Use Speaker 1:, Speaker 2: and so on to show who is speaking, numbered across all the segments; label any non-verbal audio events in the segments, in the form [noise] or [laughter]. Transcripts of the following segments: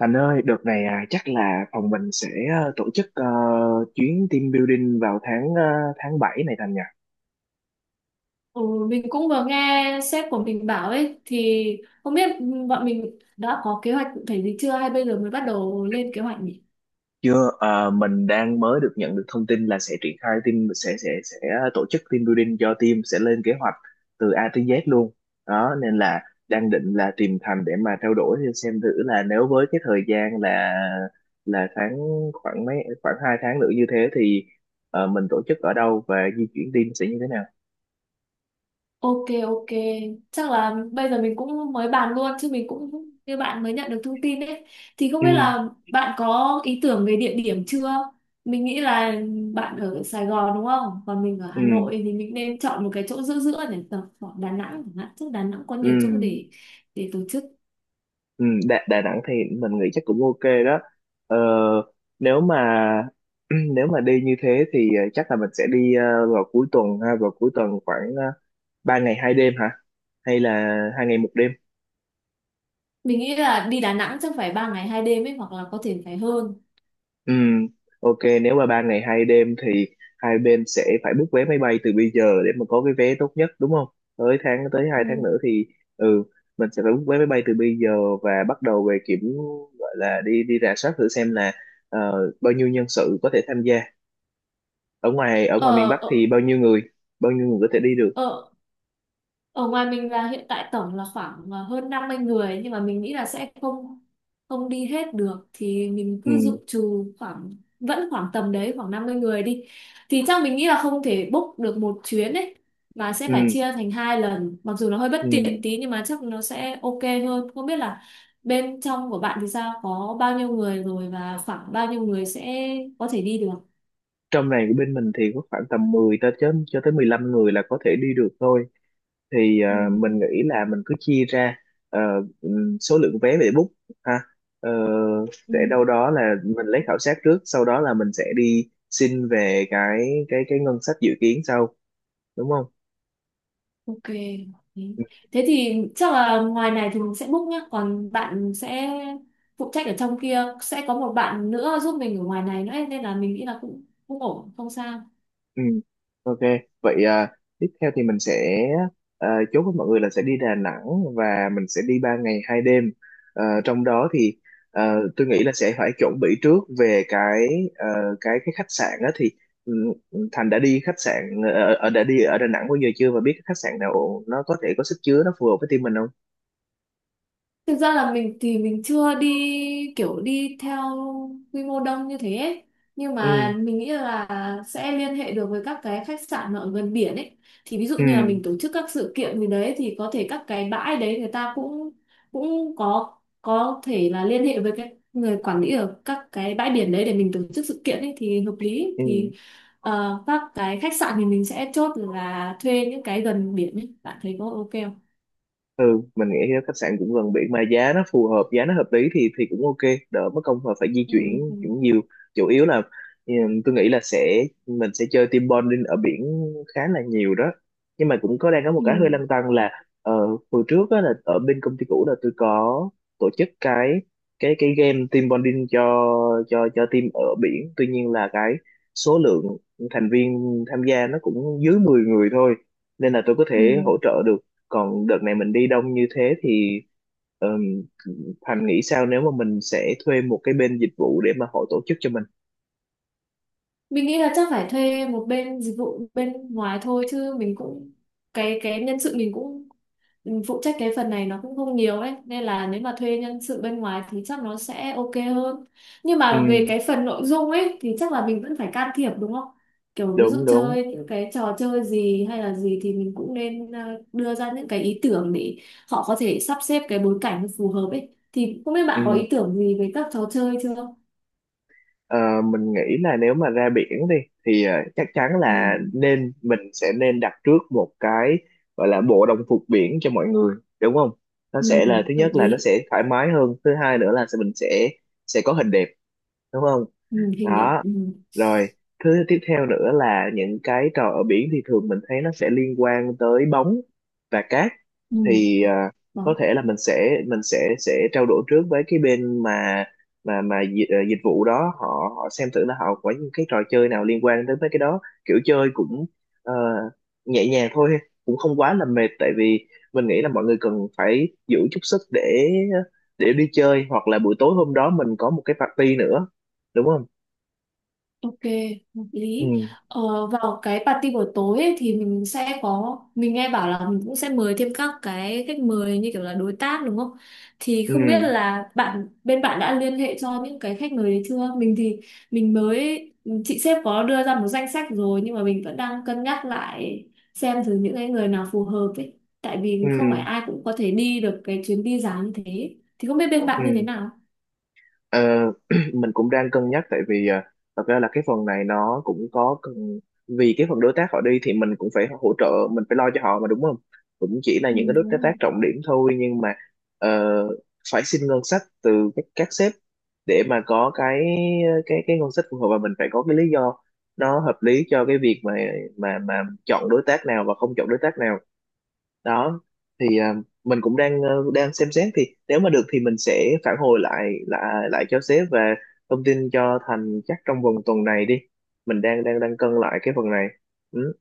Speaker 1: Thành ơi, đợt này, à, chắc là phòng mình sẽ tổ chức, chuyến team building vào tháng, tháng 7 này Thành nhỉ?
Speaker 2: Ừ, mình cũng vừa nghe sếp của mình bảo ấy thì không biết bọn mình đã có kế hoạch cụ thể gì chưa hay bây giờ mới bắt đầu lên kế hoạch nhỉ?
Speaker 1: Chưa, mình đang mới được nhận được thông tin là sẽ triển khai team sẽ tổ chức team building cho team, sẽ lên kế hoạch từ A tới Z luôn. Đó nên là đang định là tìm Thành để mà trao đổi xem thử là nếu với cái thời gian là tháng khoảng mấy, khoảng hai tháng nữa như thế thì, mình tổ chức ở đâu và di chuyển team sẽ như thế nào?
Speaker 2: Ok, ok, chắc là bây giờ mình cũng mới bàn luôn chứ mình cũng như bạn mới nhận được thông tin ấy thì không
Speaker 1: Ừ,
Speaker 2: biết là bạn có ý tưởng về địa điểm chưa? Mình nghĩ là bạn ở Sài Gòn đúng không? Còn mình ở Hà
Speaker 1: ừ,
Speaker 2: Nội thì mình nên chọn một cái chỗ giữa giữa để tập khoảng Đà Nẵng chẳng hạn. Chứ Đà Nẵng có
Speaker 1: ừ.
Speaker 2: nhiều chỗ để tổ chức.
Speaker 1: Ừ, Đà Nẵng thì mình nghĩ chắc cũng ok đó. ờ, Nếu mà [clears throat] nếu mà đi như thế thì, chắc là mình sẽ đi, vào cuối tuần, ha, vào cuối tuần khoảng 3 ngày hai đêm hả, hay là hai ngày một đêm?
Speaker 2: Mình nghĩ là đi Đà Nẵng chắc phải 3 ngày 2 đêm ấy hoặc là có thể phải hơn.
Speaker 1: Ừ, ok. Nếu mà ba ngày hai đêm thì hai bên sẽ phải book vé máy bay từ bây giờ để mà có cái vé tốt nhất, đúng không? Tới hai tháng
Speaker 2: Ừ.
Speaker 1: nữa thì, ừ, mình sẽ phải book vé máy bay từ bây giờ và bắt đầu về kiểm, gọi là đi đi rà soát thử xem là, bao nhiêu nhân sự có thể tham gia ở ngoài, miền
Speaker 2: Ở,
Speaker 1: Bắc thì
Speaker 2: ở,
Speaker 1: bao nhiêu người, bao nhiêu người có thể đi được.
Speaker 2: ở, ở ngoài mình là hiện tại tổng là khoảng hơn 50 người, nhưng mà mình nghĩ là sẽ không không đi hết được thì mình cứ
Speaker 1: Ừ,
Speaker 2: dự trù khoảng vẫn khoảng tầm đấy khoảng 50 người đi. Thì chắc mình nghĩ là không thể book được một chuyến ấy mà sẽ
Speaker 1: ừ,
Speaker 2: phải chia thành 2 lần. Mặc dù nó hơi bất
Speaker 1: ừ.
Speaker 2: tiện tí nhưng mà chắc nó sẽ ok hơn. Không biết là bên trong của bạn thì sao? Có bao nhiêu người rồi và khoảng bao nhiêu người sẽ có thể đi được?
Speaker 1: Trong này của bên mình thì có khoảng tầm 10 tới chớm, cho tới 15 người là có thể đi được thôi, thì,
Speaker 2: Ừ,
Speaker 1: mình nghĩ là mình cứ chia ra, ờ, số lượng vé để book, ha. Ờ,
Speaker 2: ừ,
Speaker 1: sẽ đâu đó là mình lấy khảo sát trước, sau đó là mình sẽ đi xin về cái ngân sách dự kiến sau, đúng không? Ừ.
Speaker 2: ok. Thế Thế thì chắc là ngoài này thì mình sẽ book nhá, còn bạn sẽ phụ trách ở trong kia, sẽ có một bạn nữa giúp mình ở ngoài này nữa nên là mình nghĩ là cũng cũng ổn, không sao.
Speaker 1: Ừ, ok. Vậy, tiếp theo thì mình sẽ, chốt với mọi người là sẽ đi Đà Nẵng và mình sẽ đi 3 ngày hai đêm. Ờ, trong đó thì, ờ, tôi nghĩ là sẽ phải chuẩn bị trước về cái, ờ, khách sạn đó thì, ừ, Thành đã đi khách sạn ở, đã đi ở Đà Nẵng bao giờ chưa và biết cái khách sạn nào nó có thể có sức chứa nó phù hợp với team mình không?
Speaker 2: Thực ra là mình thì mình chưa đi kiểu đi theo quy mô đông như thế ấy. Nhưng
Speaker 1: Ừ,
Speaker 2: mà mình nghĩ là sẽ liên hệ được với các cái khách sạn mà ở gần biển ấy. Thì ví dụ
Speaker 1: ừ,
Speaker 2: như là mình tổ chức các sự kiện gì đấy thì có thể các cái bãi đấy người ta cũng cũng có thể là liên hệ với cái người quản lý ở các cái bãi biển đấy để mình tổ chức sự kiện ấy thì hợp lý. Thì
Speaker 1: ừ.
Speaker 2: các cái khách sạn thì mình sẽ chốt là thuê những cái gần biển ấy. Bạn thấy có ok không?
Speaker 1: Ừ, mình nghĩ thì khách sạn cũng gần biển mà giá nó phù hợp, giá nó hợp lý thì cũng ok, đỡ mất công mà phải di
Speaker 2: Ừ.
Speaker 1: chuyển
Speaker 2: Ừ.
Speaker 1: cũng nhiều. Chủ yếu là, ừ, tôi nghĩ là mình sẽ chơi team bonding ở biển khá là nhiều đó, nhưng mà cũng đang có một cái hơi
Speaker 2: Ừ.
Speaker 1: lăn tăn là, ờ, hồi trước á, là ở bên công ty cũ là tôi có tổ chức cái game team bonding cho team ở biển, tuy nhiên là cái số lượng thành viên tham gia nó cũng dưới 10 người thôi, nên là tôi có
Speaker 2: Ừ.
Speaker 1: thể hỗ trợ được. Còn đợt này mình đi đông như thế thì, ừm, Thành nghĩ sao nếu mà mình sẽ thuê một cái bên dịch vụ để mà họ tổ chức cho mình?
Speaker 2: Mình nghĩ là chắc phải thuê một bên dịch vụ bên ngoài thôi chứ mình cũng cái nhân sự mình cũng phụ trách cái phần này nó cũng không nhiều ấy nên là nếu mà thuê nhân sự bên ngoài thì chắc nó sẽ ok hơn, nhưng
Speaker 1: Ừ,
Speaker 2: mà về cái phần nội dung ấy thì chắc là mình vẫn phải can thiệp đúng không, kiểu ví dụ
Speaker 1: đúng đúng.
Speaker 2: chơi những cái trò chơi gì hay là gì thì mình cũng nên đưa ra những cái ý tưởng để họ có thể sắp xếp cái bối cảnh nó phù hợp ấy, thì không biết
Speaker 1: Ừ.
Speaker 2: bạn có ý tưởng gì về các trò chơi chưa?
Speaker 1: Ờ, mình nghĩ là nếu mà ra biển đi thì, chắc chắn là
Speaker 2: Ừ,
Speaker 1: nên, mình sẽ nên đặt trước một cái, gọi là bộ đồng phục biển cho mọi người, đúng không? Nó
Speaker 2: ừ,
Speaker 1: sẽ là thứ
Speaker 2: hợp
Speaker 1: nhất là
Speaker 2: lý.
Speaker 1: nó sẽ thoải mái hơn, thứ hai nữa là mình sẽ có hình đẹp, đúng không?
Speaker 2: Ừ, hình đẹp,
Speaker 1: Đó.
Speaker 2: ừ.
Speaker 1: Rồi, thứ tiếp theo nữa là những cái trò ở biển thì thường mình thấy nó sẽ liên quan tới bóng và cát.
Speaker 2: Ừ.
Speaker 1: Thì, có
Speaker 2: Đó.
Speaker 1: thể là mình sẽ trao đổi trước với cái bên mà dịch vụ đó, họ họ xem thử là họ có những cái trò chơi nào liên quan tới mấy cái đó. Kiểu chơi cũng, ờ, nhẹ nhàng thôi, cũng không quá là mệt, tại vì mình nghĩ là mọi người cần phải giữ chút sức để đi chơi, hoặc là buổi tối hôm đó mình có một cái party nữa, đúng không?
Speaker 2: Ok, hợp
Speaker 1: Ừ.
Speaker 2: lý. Vào cái party buổi tối ấy, thì mình sẽ có, mình nghe bảo là mình cũng sẽ mời thêm các cái khách mời như kiểu là đối tác đúng không, thì
Speaker 1: Ừ,
Speaker 2: không biết là bạn bên bạn đã liên hệ cho những cái khách mời đấy chưa, mình thì mình mới, chị sếp có đưa ra một danh sách rồi nhưng mà mình vẫn đang cân nhắc lại xem thử những cái người nào phù hợp ấy, tại
Speaker 1: ừ,
Speaker 2: vì không phải ai cũng có thể đi được cái chuyến đi dài như thế, thì không biết bên bạn như thế
Speaker 1: ừ.
Speaker 2: nào.
Speaker 1: Ờ, [clears throat] mình cũng đang cân nhắc, tại vì, thật ra là cái phần này nó cũng có cần, vì cái phần đối tác họ đi thì mình cũng phải hỗ trợ, mình phải lo cho họ mà, đúng không? Cũng chỉ là
Speaker 2: Ừ,
Speaker 1: những cái đối
Speaker 2: đúng
Speaker 1: tác
Speaker 2: rồi.
Speaker 1: trọng điểm thôi, nhưng mà, ờ, phải xin ngân sách từ các sếp để mà có cái ngân sách phù hợp, và mình phải có cái lý do nó hợp lý cho cái việc mà mà mà chọn đối tác nào và không chọn đối tác nào. Đó thì, mình cũng đang, đang xem xét, thì nếu mà được thì mình sẽ phản hồi lại lại lại cho sếp và thông tin cho Thành chắc trong vòng tuần này đi. Mình đang đang đang cân lại cái phần này. Ừ.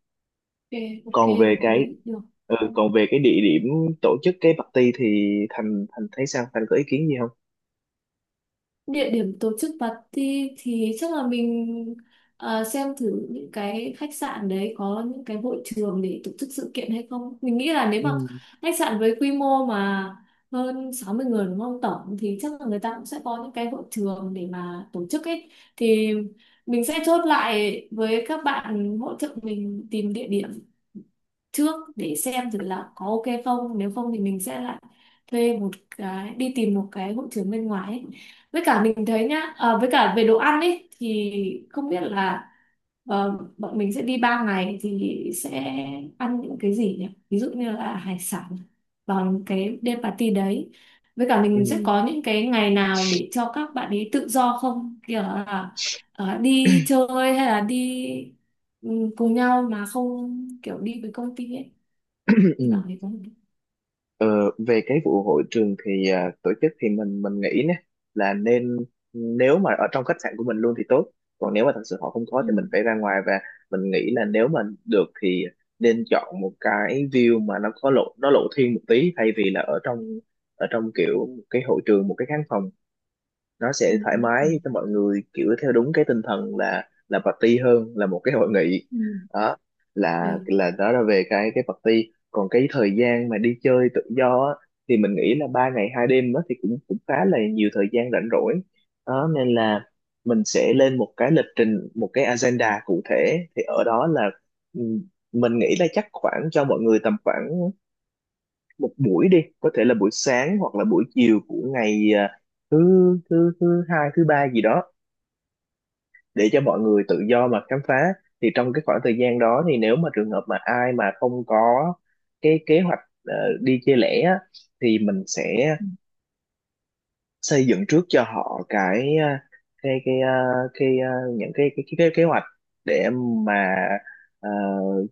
Speaker 2: Ok, ok,
Speaker 1: Còn về
Speaker 2: hợp
Speaker 1: cái,
Speaker 2: lý được.
Speaker 1: ừ, còn về cái địa điểm tổ chức cái party thì Thành Thành thấy sao, Thành có ý kiến gì không?
Speaker 2: Địa điểm tổ chức party thì chắc là mình xem thử những cái khách sạn đấy có những cái hội trường để tổ chức sự kiện hay không. Mình nghĩ là nếu mà
Speaker 1: Ừ.
Speaker 2: khách sạn với quy mô mà hơn 60 người đúng không tổng, thì chắc là người ta cũng sẽ có những cái hội trường để mà tổ chức ấy. Thì mình sẽ chốt lại với các bạn hỗ trợ mình tìm địa điểm trước để xem thử là có ok không, nếu không thì mình sẽ lại thuê một cái, đi tìm một cái hội trường bên ngoài ấy. Với cả mình thấy nhá, với cả về đồ ăn ấy thì không biết là bọn mình sẽ đi 3 ngày thì sẽ ăn những cái gì nhỉ, ví dụ như là hải sản vào cái đêm party đấy, với cả
Speaker 1: Ừ.
Speaker 2: mình sẽ có những cái ngày nào để cho các bạn ấy tự do không, kiểu là đi chơi hay là đi, ừ, cùng nhau mà không kiểu đi với công ty ấy, thì bạn
Speaker 1: [clears throat]
Speaker 2: ấy có hợp lý?
Speaker 1: Ờ, về cái vụ hội trường thì, tổ chức thì mình, nghĩ nè là nên, nếu mà ở trong khách sạn của mình luôn thì tốt, còn nếu mà thật sự họ không có thì mình
Speaker 2: Ừ.
Speaker 1: phải ra ngoài. Và mình nghĩ là nếu mà được thì nên chọn một cái view mà nó có lộ, nó lộ thiên một tí, thay vì là ở trong, kiểu một cái hội trường, một cái khán phòng. Nó
Speaker 2: Ừ,
Speaker 1: sẽ thoải
Speaker 2: ừ, ừ.
Speaker 1: mái cho mọi người, kiểu theo đúng cái tinh thần là party hơn là một cái hội nghị.
Speaker 2: Ừ.
Speaker 1: Đó
Speaker 2: Ừ.
Speaker 1: là đó là về cái party. Còn cái thời gian mà đi chơi tự do á, thì mình nghĩ là ba ngày hai đêm đó thì cũng, cũng khá là nhiều thời gian rảnh rỗi đó, nên là mình sẽ lên một cái lịch trình, một cái agenda cụ thể, thì ở đó là, ừ, mình nghĩ là chắc khoảng, cho mọi người tầm khoảng một buổi đi, có thể là buổi sáng hoặc là buổi chiều của ngày, thứ thứ thứ hai, thứ ba gì đó, để cho mọi người tự do mà khám phá. Thì trong cái khoảng thời gian đó thì nếu mà trường hợp mà ai mà không có cái kế hoạch, ờ, đi chơi lẻ á, thì mình sẽ xây dựng trước cho họ cái, cái cái à, cái à, kế hoạch để mà, ờ,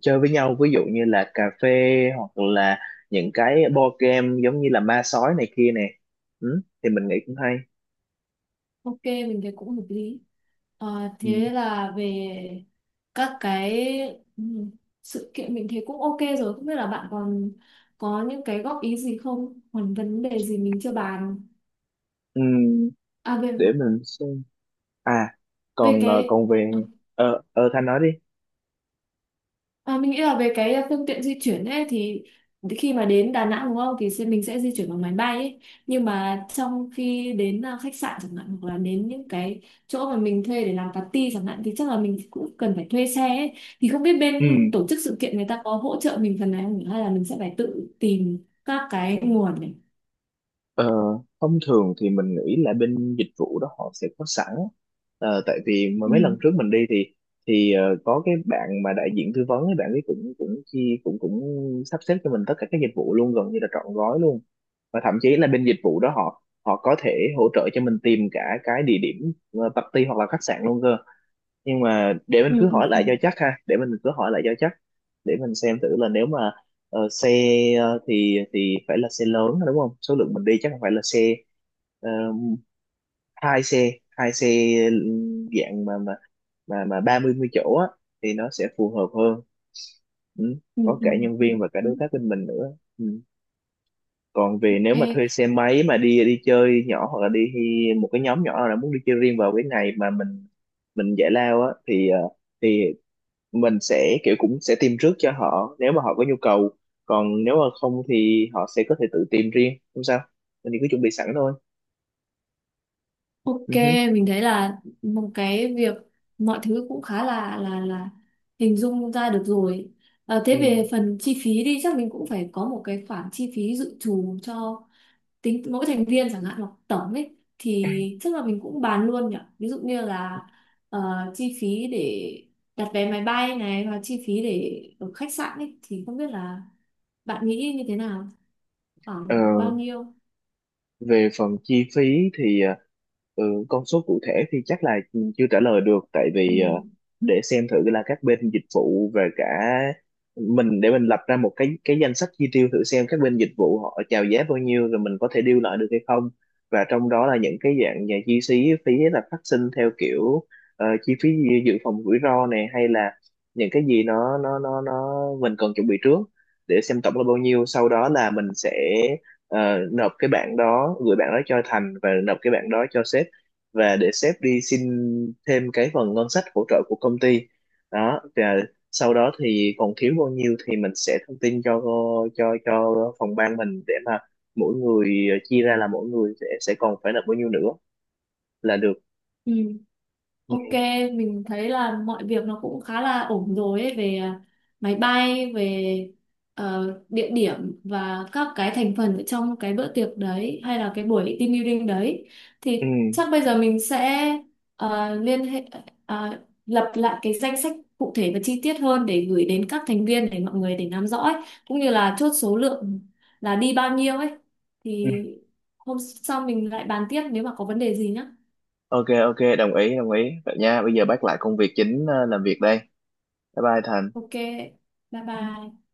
Speaker 1: chơi với nhau, ví dụ như là cà phê hoặc là những cái board game giống như là ma sói này kia nè. Ừ, thì mình nghĩ cũng hay.
Speaker 2: Ok, mình thấy cũng hợp lý. Ờ,
Speaker 1: Ừ.
Speaker 2: thế là về các cái, ừ, sự kiện mình thấy cũng ok rồi, không biết là bạn còn có những cái góp ý gì không, còn vấn đề gì mình chưa bàn
Speaker 1: Ừ,
Speaker 2: à về
Speaker 1: để mình xem. À,
Speaker 2: về
Speaker 1: còn,
Speaker 2: cái
Speaker 1: còn
Speaker 2: ờ,
Speaker 1: về, Thanh nói đi.
Speaker 2: À, mình nghĩ là về cái phương tiện di chuyển ấy thì khi mà đến Đà Nẵng đúng không thì mình sẽ di chuyển bằng máy bay ấy, nhưng mà trong khi đến khách sạn chẳng hạn hoặc là đến những cái chỗ mà mình thuê để làm party chẳng hạn thì chắc là mình cũng cần phải thuê xe ấy. Thì không biết
Speaker 1: Ừ.
Speaker 2: bên tổ chức sự kiện người ta có hỗ trợ mình phần này không nhỉ? Hay là mình sẽ phải tự tìm các cái nguồn này.
Speaker 1: Ờ, thông thường thì mình nghĩ là bên dịch vụ đó họ sẽ có sẵn. Ờ, tại vì mà
Speaker 2: Ừ.
Speaker 1: mấy lần trước mình đi thì có cái bạn mà đại diện tư vấn ấy, bạn ấy cũng cũng chi cũng cũng sắp xếp cho mình tất cả các dịch vụ luôn, gần như là trọn gói luôn, và thậm chí là bên dịch vụ đó họ họ có thể hỗ trợ cho mình tìm cả cái địa điểm, party hoặc là khách sạn luôn cơ. Nhưng mà để mình
Speaker 2: Ừ,
Speaker 1: cứ
Speaker 2: ừ,
Speaker 1: hỏi
Speaker 2: ừ,
Speaker 1: lại cho chắc, ha, để mình cứ hỏi lại cho chắc để mình xem thử là nếu mà, Ờ, xe, thì phải là xe lớn, đúng không? Số lượng mình đi chắc không phải là xe, ờ, hai xe, dạng mà 30 mươi mươi chỗ á thì nó sẽ phù hợp hơn. Ừ.
Speaker 2: ừ,
Speaker 1: Có cả
Speaker 2: ừ,
Speaker 1: nhân
Speaker 2: ừ.
Speaker 1: viên và cả đối tác bên mình nữa. Ừ. Còn về nếu mà
Speaker 2: Ok.
Speaker 1: thuê xe máy mà đi đi chơi nhỏ, hoặc là đi một cái nhóm nhỏ nào đó muốn đi chơi riêng vào cái ngày mà mình giải lao á, thì, thì mình sẽ, kiểu cũng sẽ tìm trước cho họ nếu mà họ có nhu cầu, còn nếu mà không thì họ sẽ có thể tự tìm riêng không sao, mình thì cứ chuẩn bị sẵn thôi.
Speaker 2: Ok,
Speaker 1: Ừ hứ.
Speaker 2: mình thấy là một cái việc, mọi thứ cũng khá là hình dung ra được rồi. Ờ, thế
Speaker 1: Ừ.
Speaker 2: về phần chi phí đi, chắc mình cũng phải có một cái khoản chi phí dự trù cho tính mỗi thành viên chẳng hạn hoặc tổng ấy, thì chắc là mình cũng bàn luôn nhỉ. Ví dụ như là ờ, chi phí để đặt vé máy bay này và chi phí để ở khách sạn ấy, thì không biết là bạn nghĩ như thế nào,
Speaker 1: Ờ,
Speaker 2: khoảng bao nhiêu?
Speaker 1: về phần chi phí thì, ừ, con số cụ thể thì chắc là chưa trả lời được, tại vì,
Speaker 2: Ừ.
Speaker 1: để xem thử là các bên dịch vụ và cả mình, để mình lập ra một cái danh sách chi tiêu, thử xem các bên dịch vụ họ chào giá bao nhiêu rồi mình có thể deal lại được hay không. Và trong đó là những cái dạng nhà chi phí, là phát sinh theo kiểu, chi phí dự dự phòng rủi ro này, hay là những cái gì nó mình cần chuẩn bị trước, để xem tổng là bao nhiêu, sau đó là mình sẽ, ờ, nộp cái bản đó, gửi bản đó cho Thành, và nộp cái bản đó cho sếp, và để sếp đi xin thêm cái phần ngân sách hỗ trợ của công ty. Đó, và sau đó thì còn thiếu bao nhiêu thì mình sẽ thông tin cho phòng ban mình, để mà mỗi người, chia ra là mỗi người sẽ còn phải nộp bao nhiêu nữa là được.
Speaker 2: Ừ. Ok,
Speaker 1: Ừ.
Speaker 2: mình thấy là mọi việc nó cũng khá là ổn rồi ấy, về máy bay, về địa điểm và các cái thành phần ở trong cái bữa tiệc đấy hay là cái buổi team building đấy.
Speaker 1: Ừ.
Speaker 2: Thì chắc bây giờ mình sẽ liên hệ, à, lập lại cái danh sách cụ thể và chi tiết hơn để gửi đến các thành viên để mọi người để nắm rõ ấy, cũng như là chốt số lượng là đi bao nhiêu ấy.
Speaker 1: Ừ.
Speaker 2: Thì hôm sau mình lại bàn tiếp nếu mà có vấn đề gì nhá.
Speaker 1: Ok, ok, đồng ý, đồng ý vậy nha. Bây giờ bác lại công việc chính, làm việc đây. Bye bye Thành.
Speaker 2: Ok, bye bye.